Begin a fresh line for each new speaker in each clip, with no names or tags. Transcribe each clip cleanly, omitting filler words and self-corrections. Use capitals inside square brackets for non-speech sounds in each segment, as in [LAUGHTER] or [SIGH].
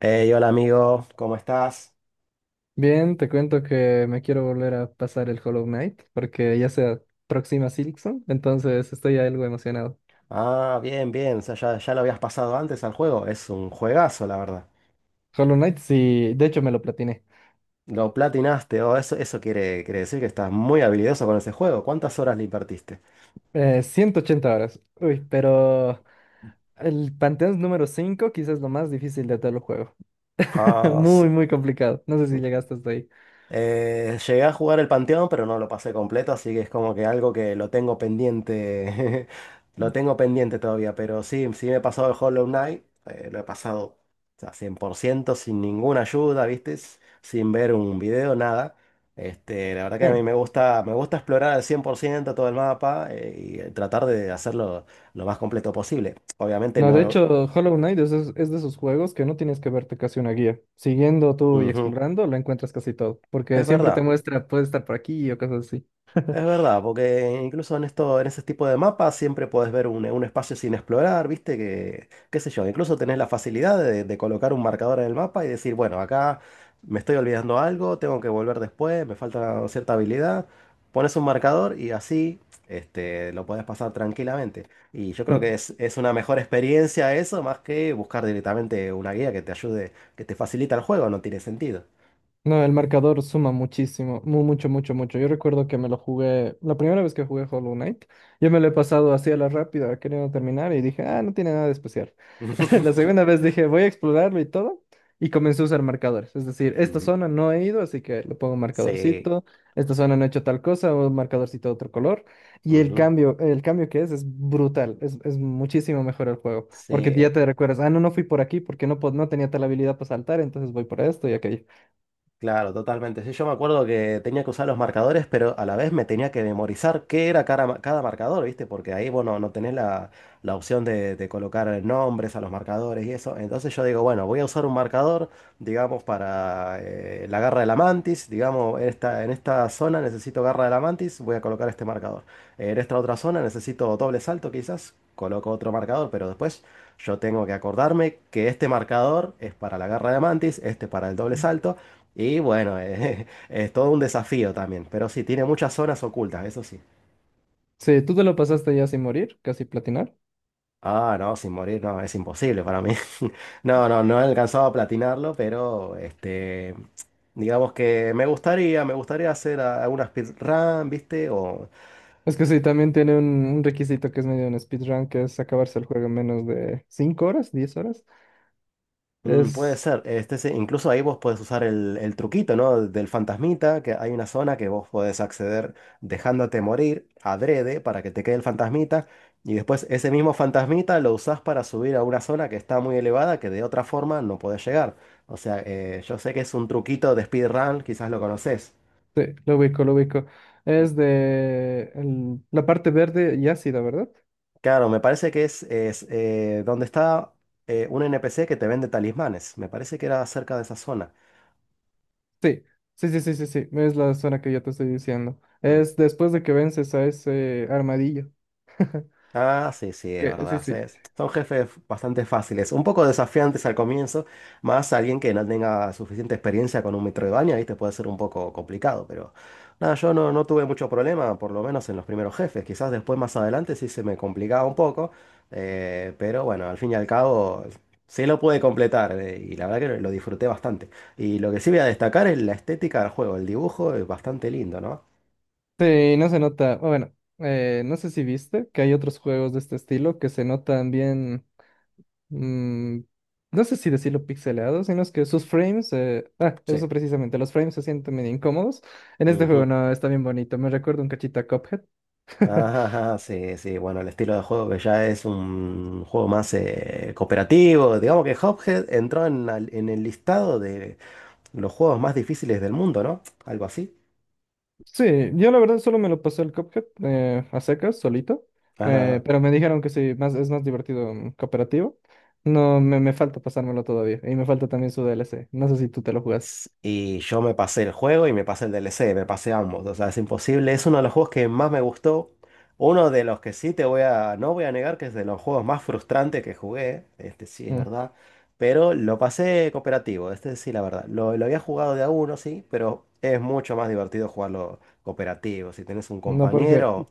Hey, hola amigo, ¿cómo estás?
Bien, te cuento que me quiero volver a pasar el Hollow Knight porque ya se aproxima Silksong, entonces estoy algo emocionado.
Bien, bien, o sea, ya lo habías pasado antes al juego, es un juegazo, la verdad.
Hollow Knight, sí, de hecho me lo platiné.
Lo platinaste, o eso quiere decir que estás muy habilidoso con ese juego. ¿Cuántas horas le invertiste?
180 horas. Uy, pero el Panteón número 5 quizás es lo más difícil de todo el juego. [LAUGHS]
Ah, sí.
Muy, muy complicado. No sé si llegaste hasta ahí.
Llegué a jugar el Panteón, pero no lo pasé completo, así que es como que algo que lo tengo pendiente. [LAUGHS] Lo tengo pendiente todavía, pero sí, sí me he pasado el Hollow Knight. Lo he pasado, o sea, 100% sin ninguna ayuda, ¿viste? Sin ver un video, nada. Este, la verdad que a mí
Sí.
me gusta explorar al 100% todo el mapa, y tratar de hacerlo lo más completo posible. Obviamente
No, de
no...
hecho, Hollow Knight es de esos juegos que no tienes que verte casi una guía. Siguiendo tú y
Ujú,
explorando, lo encuentras casi todo, porque
es
siempre te
verdad.
muestra, puede estar por aquí o cosas así.
Es verdad, porque incluso en esto, en ese tipo de mapas siempre puedes ver un espacio sin explorar, ¿viste? Qué sé yo, incluso tenés la facilidad de colocar un marcador en el mapa y decir, bueno, acá me estoy olvidando algo, tengo que volver después, me falta cierta habilidad. Pones un marcador y así, este, lo puedes pasar tranquilamente. Y yo creo que
Mm.
es una mejor experiencia eso, más que buscar directamente una guía que te ayude, que te facilita el juego, no tiene sentido.
No, el marcador suma muchísimo, mucho, mucho, mucho. Yo recuerdo que me lo jugué, la primera vez que jugué Hollow Knight, yo me lo he pasado así a la rápida, queriendo terminar, y dije, ah, no tiene nada de especial. [LAUGHS] La segunda
[LAUGHS]
vez dije, voy a explorarlo y todo, y comencé a usar marcadores. Es decir, esta
Ujú.
zona no he ido, así que le pongo un
Sí.
marcadorcito, esta zona no he hecho tal cosa, un marcadorcito de otro color, y
Ujú.
el cambio que es brutal, es muchísimo mejor el juego, porque
Sí,
ya te recuerdas, ah, no, no fui por aquí porque no, no tenía tal habilidad para saltar, entonces voy por esto y aquello.
claro, totalmente. Sí, yo me acuerdo que tenía que usar los marcadores, pero a la vez me tenía que memorizar qué era cada marcador, ¿viste? Porque ahí, bueno, no tenés la, la opción de colocar nombres a los marcadores y eso. Entonces yo digo, bueno, voy a usar un marcador, digamos, para la garra de la mantis. Digamos, esta, en esta zona necesito garra de la mantis, voy a colocar este marcador. En esta otra zona necesito doble salto, quizás, coloco otro marcador, pero después... Yo tengo que acordarme que este marcador es para la garra de mantis, este para el doble salto, y bueno, [LAUGHS] es todo un desafío también, pero sí, tiene muchas zonas ocultas, eso sí.
Sí, tú te lo pasaste ya sin morir, casi platinar.
Ah, no, sin morir, no, es imposible para mí. [LAUGHS] No, no, no he alcanzado a platinarlo, pero este, digamos que me gustaría hacer alguna speedrun, ¿viste? O
Es que sí, también tiene un requisito que es medio un speedrun, que es acabarse el juego en menos de 5 horas, 10 horas.
mm, puede
Es,
ser. Este, sí, incluso ahí vos podés usar el truquito, ¿no? Del fantasmita, que hay una zona que vos podés acceder dejándote morir adrede para que te quede el fantasmita. Y después ese mismo fantasmita lo usás para subir a una zona que está muy elevada, que de otra forma no podés llegar. O sea, yo sé que es un truquito de speedrun, quizás lo conocés.
sí, lo ubico, lo ubico.
Mm,
Es de la parte verde y ácida, ¿verdad?
claro, me parece que es, donde está un NPC que te vende talismanes. Me parece que era cerca de esa zona.
Sí, sí, sí, sí, sí, sí, es la zona que yo te estoy diciendo.
Mm,
Es después de que vences a ese armadillo. [LAUGHS]
ah, sí, sí, es
Que, sí,
verdad. Sí,
sí.
son jefes bastante fáciles, un poco desafiantes al comienzo, más alguien que no tenga suficiente experiencia con un Metroidvania, ¿viste? Puede ser un poco complicado, pero nada, yo no, no tuve mucho problema, por lo menos en los primeros jefes. Quizás después más adelante sí se me complicaba un poco, pero bueno, al fin y al cabo sí lo pude completar, y la verdad que lo disfruté bastante. Y lo que sí voy a destacar es la estética del juego, el dibujo es bastante lindo, ¿no?
Sí, no se nota. Bueno, no sé si viste que hay otros juegos de este estilo que se notan bien. mm, no sé si decirlo pixelado, sino es que sus frames,
Sí.
eso precisamente, los frames se sienten medio incómodos. En este juego
Ujú.
no, está bien bonito, me recuerda un cachito a Cuphead. [LAUGHS]
Ajá, ajá, sí, sí, bueno, el estilo de juego que ya es un juego más cooperativo. Digamos que Cuphead entró en, en el listado de los juegos más difíciles del mundo, ¿no? Algo así.
Sí, yo la verdad solo me lo pasé el Cuphead a secas, solito,
Ajá.
pero me dijeron que sí, más, es más divertido cooperativo. No, me falta pasármelo todavía, y me falta también su DLC, no sé si tú te lo jugaste.
Y yo me pasé el juego y me pasé el DLC, me pasé ambos. O sea, es imposible. Es uno de los juegos que más me gustó. Uno de los que sí te voy a, no voy a negar que es de los juegos más frustrantes que jugué. Este sí es
Mm.
verdad. Pero lo pasé cooperativo. Este sí, la verdad. Lo había jugado de a uno, sí, pero es mucho más divertido jugarlo cooperativo. Si tenés un
No, porque...
compañero.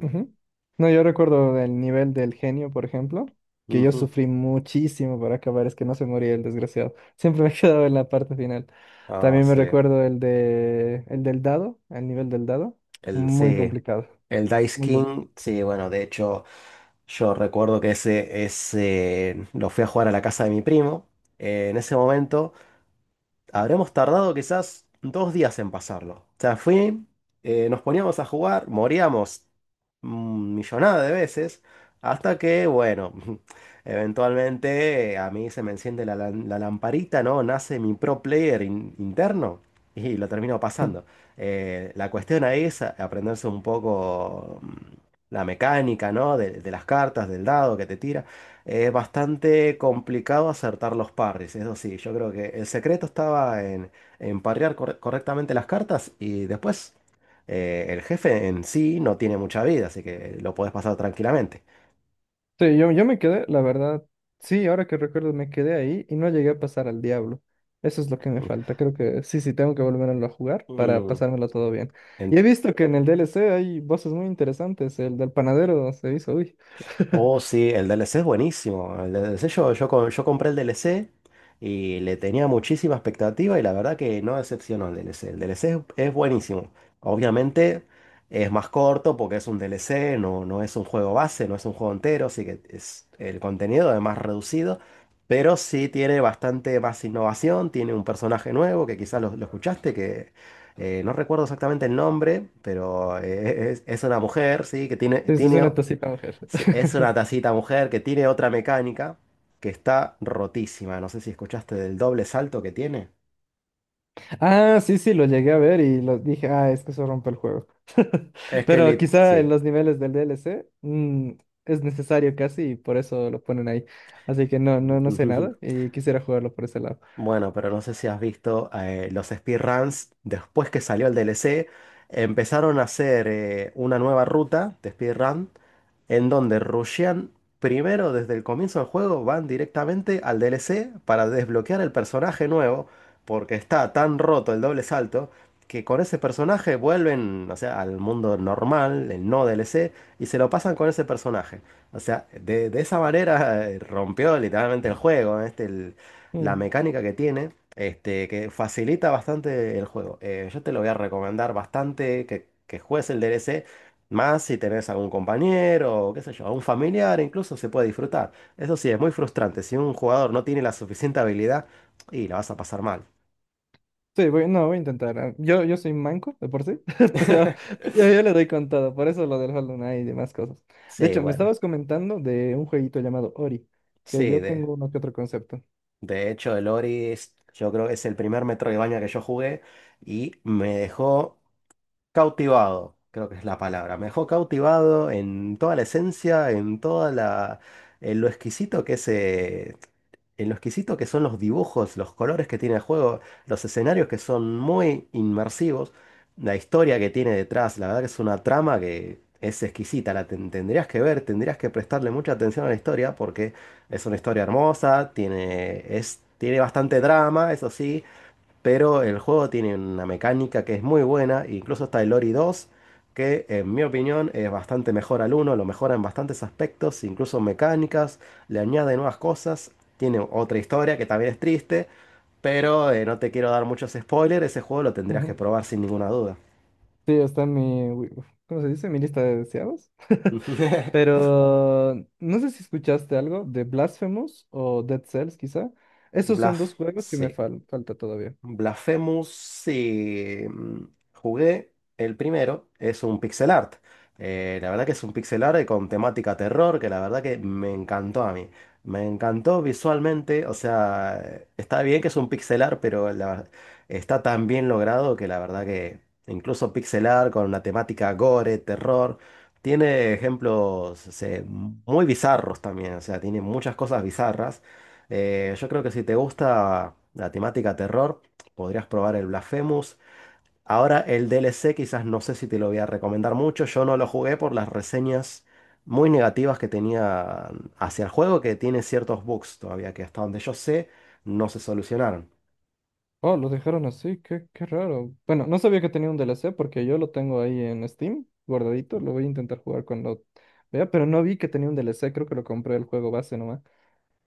Ujú. No, yo recuerdo del nivel del genio, por ejemplo, que yo
Ujú.
sufrí muchísimo para acabar, es que no se moría el desgraciado. [LAUGHS] Siempre me he quedado en la parte final.
Ah,
También me
sí.
recuerdo el de el del dado, el nivel del dado,
El,
muy
sí.
complicado.
El Dice
Muy bien.
King. Sí, bueno, de hecho. Yo recuerdo que ese lo fui a jugar a la casa de mi primo. En ese momento habremos tardado quizás dos días en pasarlo. O sea, fue, nos poníamos a jugar, moríamos millonada de veces, hasta que, bueno, [LAUGHS] eventualmente, a mí se me enciende la, la lamparita, ¿no? Nace mi pro player interno y lo termino pasando. La cuestión ahí es aprenderse un poco la mecánica, ¿no? De las cartas, del dado que te tira. Bastante complicado acertar los parries, eso sí, yo creo que el secreto estaba en parrear correctamente las cartas y después, el jefe en sí no tiene mucha vida, así que lo podés pasar tranquilamente.
Sí, yo me quedé, la verdad, sí, ahora que recuerdo me quedé ahí y no llegué a pasar al diablo. Eso es lo que me
Mm.
falta. Creo que sí, sí, tengo que volverlo a jugar para
Mm.
pasármelo todo bien. Y he visto que en el DLC hay voces muy interesantes. El del panadero se hizo, uy. [LAUGHS]
Oh, sí, el D L C es buenísimo. El D L C yo, yo, yo compré el D L C y le tenía muchísima expectativa y la verdad que no decepcionó el D L C. El D DLC es buenísimo. Obviamente es más corto porque es un D L C, no, no es un juego base, no es un juego entero, así que es, el contenido es más reducido, pero sí tiene bastante más innovación, tiene un personaje nuevo que quizás lo escuchaste, que no recuerdo exactamente el nombre, pero es una mujer, sí, que tiene,
Entonces es
tiene...
una tacita mujer.
Sí, es una
[LAUGHS]
tacita mujer que tiene otra mecánica que está rotísima. No sé si escuchaste del doble salto que tiene.
Ah, sí, sí, lo llegué a ver y lo dije, ah, es que eso rompe el juego.
Es que
Pero quizá en
sí.
los niveles del DLC es necesario casi y por eso lo ponen ahí. Así que no, no, no sé nada
[LAUGHS]
y quisiera jugarlo por ese lado.
Bueno, pero no sé si has visto, los speedruns después que salió el DLC. Empezaron a hacer, una nueva ruta de speedrun en donde rushean primero desde el comienzo del juego, van directamente al DLC para desbloquear el personaje nuevo, porque está tan roto el doble salto que con ese personaje vuelven, o sea, al mundo normal, el no DLC, y se lo pasan con ese personaje. O sea, de esa manera, rompió literalmente el juego, ¿eh? Este, la
Mm.
mecánica que tiene. Este, que facilita bastante el juego. Yo te lo voy a recomendar bastante que juegues el DLC, más si tenés algún compañero, o qué sé yo, algún familiar, incluso se puede disfrutar. Eso sí, es muy frustrante. Si un jugador no tiene la suficiente habilidad, y la vas a pasar mal.
Sí, voy, no, voy a intentar. Yo soy manco de por sí, [LAUGHS] pero
[LAUGHS]
yo le doy con todo. Por eso lo del Hollow Knight y demás cosas. De
Sí,
hecho, me
bueno.
estabas comentando de un jueguito llamado Ori, que
Sí,
yo tengo uno que otro concepto.
de hecho el Ori es- yo creo que es el primer Metroidvania que yo jugué y me dejó cautivado, creo que es la palabra. Me dejó cautivado en toda la esencia, en toda la, en lo exquisito que es, en lo exquisito que son los dibujos, los colores que tiene el juego, los escenarios que son muy inmersivos, la historia que tiene detrás, la verdad que es una trama que es exquisita, la tendrías que ver, tendrías que prestarle mucha atención a la historia porque es una historia hermosa, tiene, es, tiene bastante drama, eso sí, pero el juego tiene una mecánica que es muy buena, incluso está el Ori 2, que en mi opinión es bastante mejor al uno, lo mejora en bastantes aspectos, incluso mecánicas, le añade nuevas cosas, tiene otra historia que también es triste, pero no te quiero dar muchos spoilers, ese juego lo tendrías que probar sin ninguna duda.
Sí, está en mi, wi- ¿cómo se dice? Mi lista de deseados. [LAUGHS]
[LAUGHS]
Pero no sé si escuchaste algo de Blasphemous o Dead Cells, quizá. Esos son
Bluff,
dos juegos que me
sí.
falta todavía.
Blasphemous, sí. Mm, jugué el primero, es un pixel art. La verdad que es un pixel art con temática terror, que la verdad que me encantó a mí. Me encantó visualmente, o sea, está bien que es un pixel art, pero está tan bien logrado que la verdad que incluso pixel art con una temática gore, terror, tiene ejemplos, o sea, muy bizarros también, o sea, tiene muchas cosas bizarras. Yo creo que si te gusta la temática terror, podrías probar el Blasphemous. Ahora el D L C quizás no sé si te lo voy a recomendar mucho. Yo no lo jugué por las reseñas muy negativas que tenía hacia el juego, que tiene ciertos bugs todavía que hasta donde yo sé no se solucionaron.
Oh, lo dejaron así, qué, qué raro. Bueno, no sabía que tenía un DLC porque yo lo tengo ahí en Steam, guardadito. Lo voy a intentar jugar cuando vea, pero no vi que tenía un DLC, creo que lo compré el juego base nomás.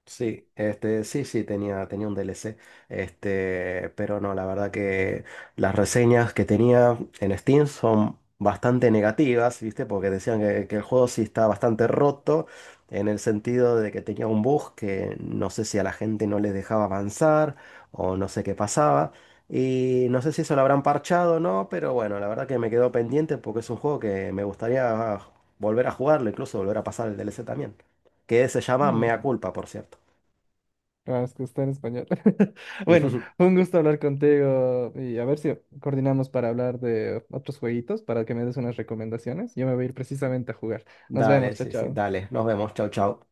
Sí, este, sí, sí, tenía un DLC, este, pero no, la verdad que las reseñas que tenía en Steam son bastante negativas, ¿viste? Porque decían que el juego sí está bastante roto, en el sentido de que tenía un bug que no sé si a la gente no les dejaba avanzar o no sé qué pasaba, y no sé si eso lo habrán parchado o no, pero bueno, la verdad que me quedó pendiente porque es un juego que me gustaría volver a jugarlo, incluso volver a pasar el DLC también, que se llama
Mm.
Mea Culpa, por cierto.
Ah, es que está en español. [LAUGHS] Bueno,
[LAUGHS]
fue un gusto hablar contigo y a ver si coordinamos para hablar de otros jueguitos, para que me des unas recomendaciones. Yo me voy a ir precisamente a jugar. Nos
Dale,
vemos, chao,
sí, sí,
chao.
dale. Nos vemos. Chau, chau.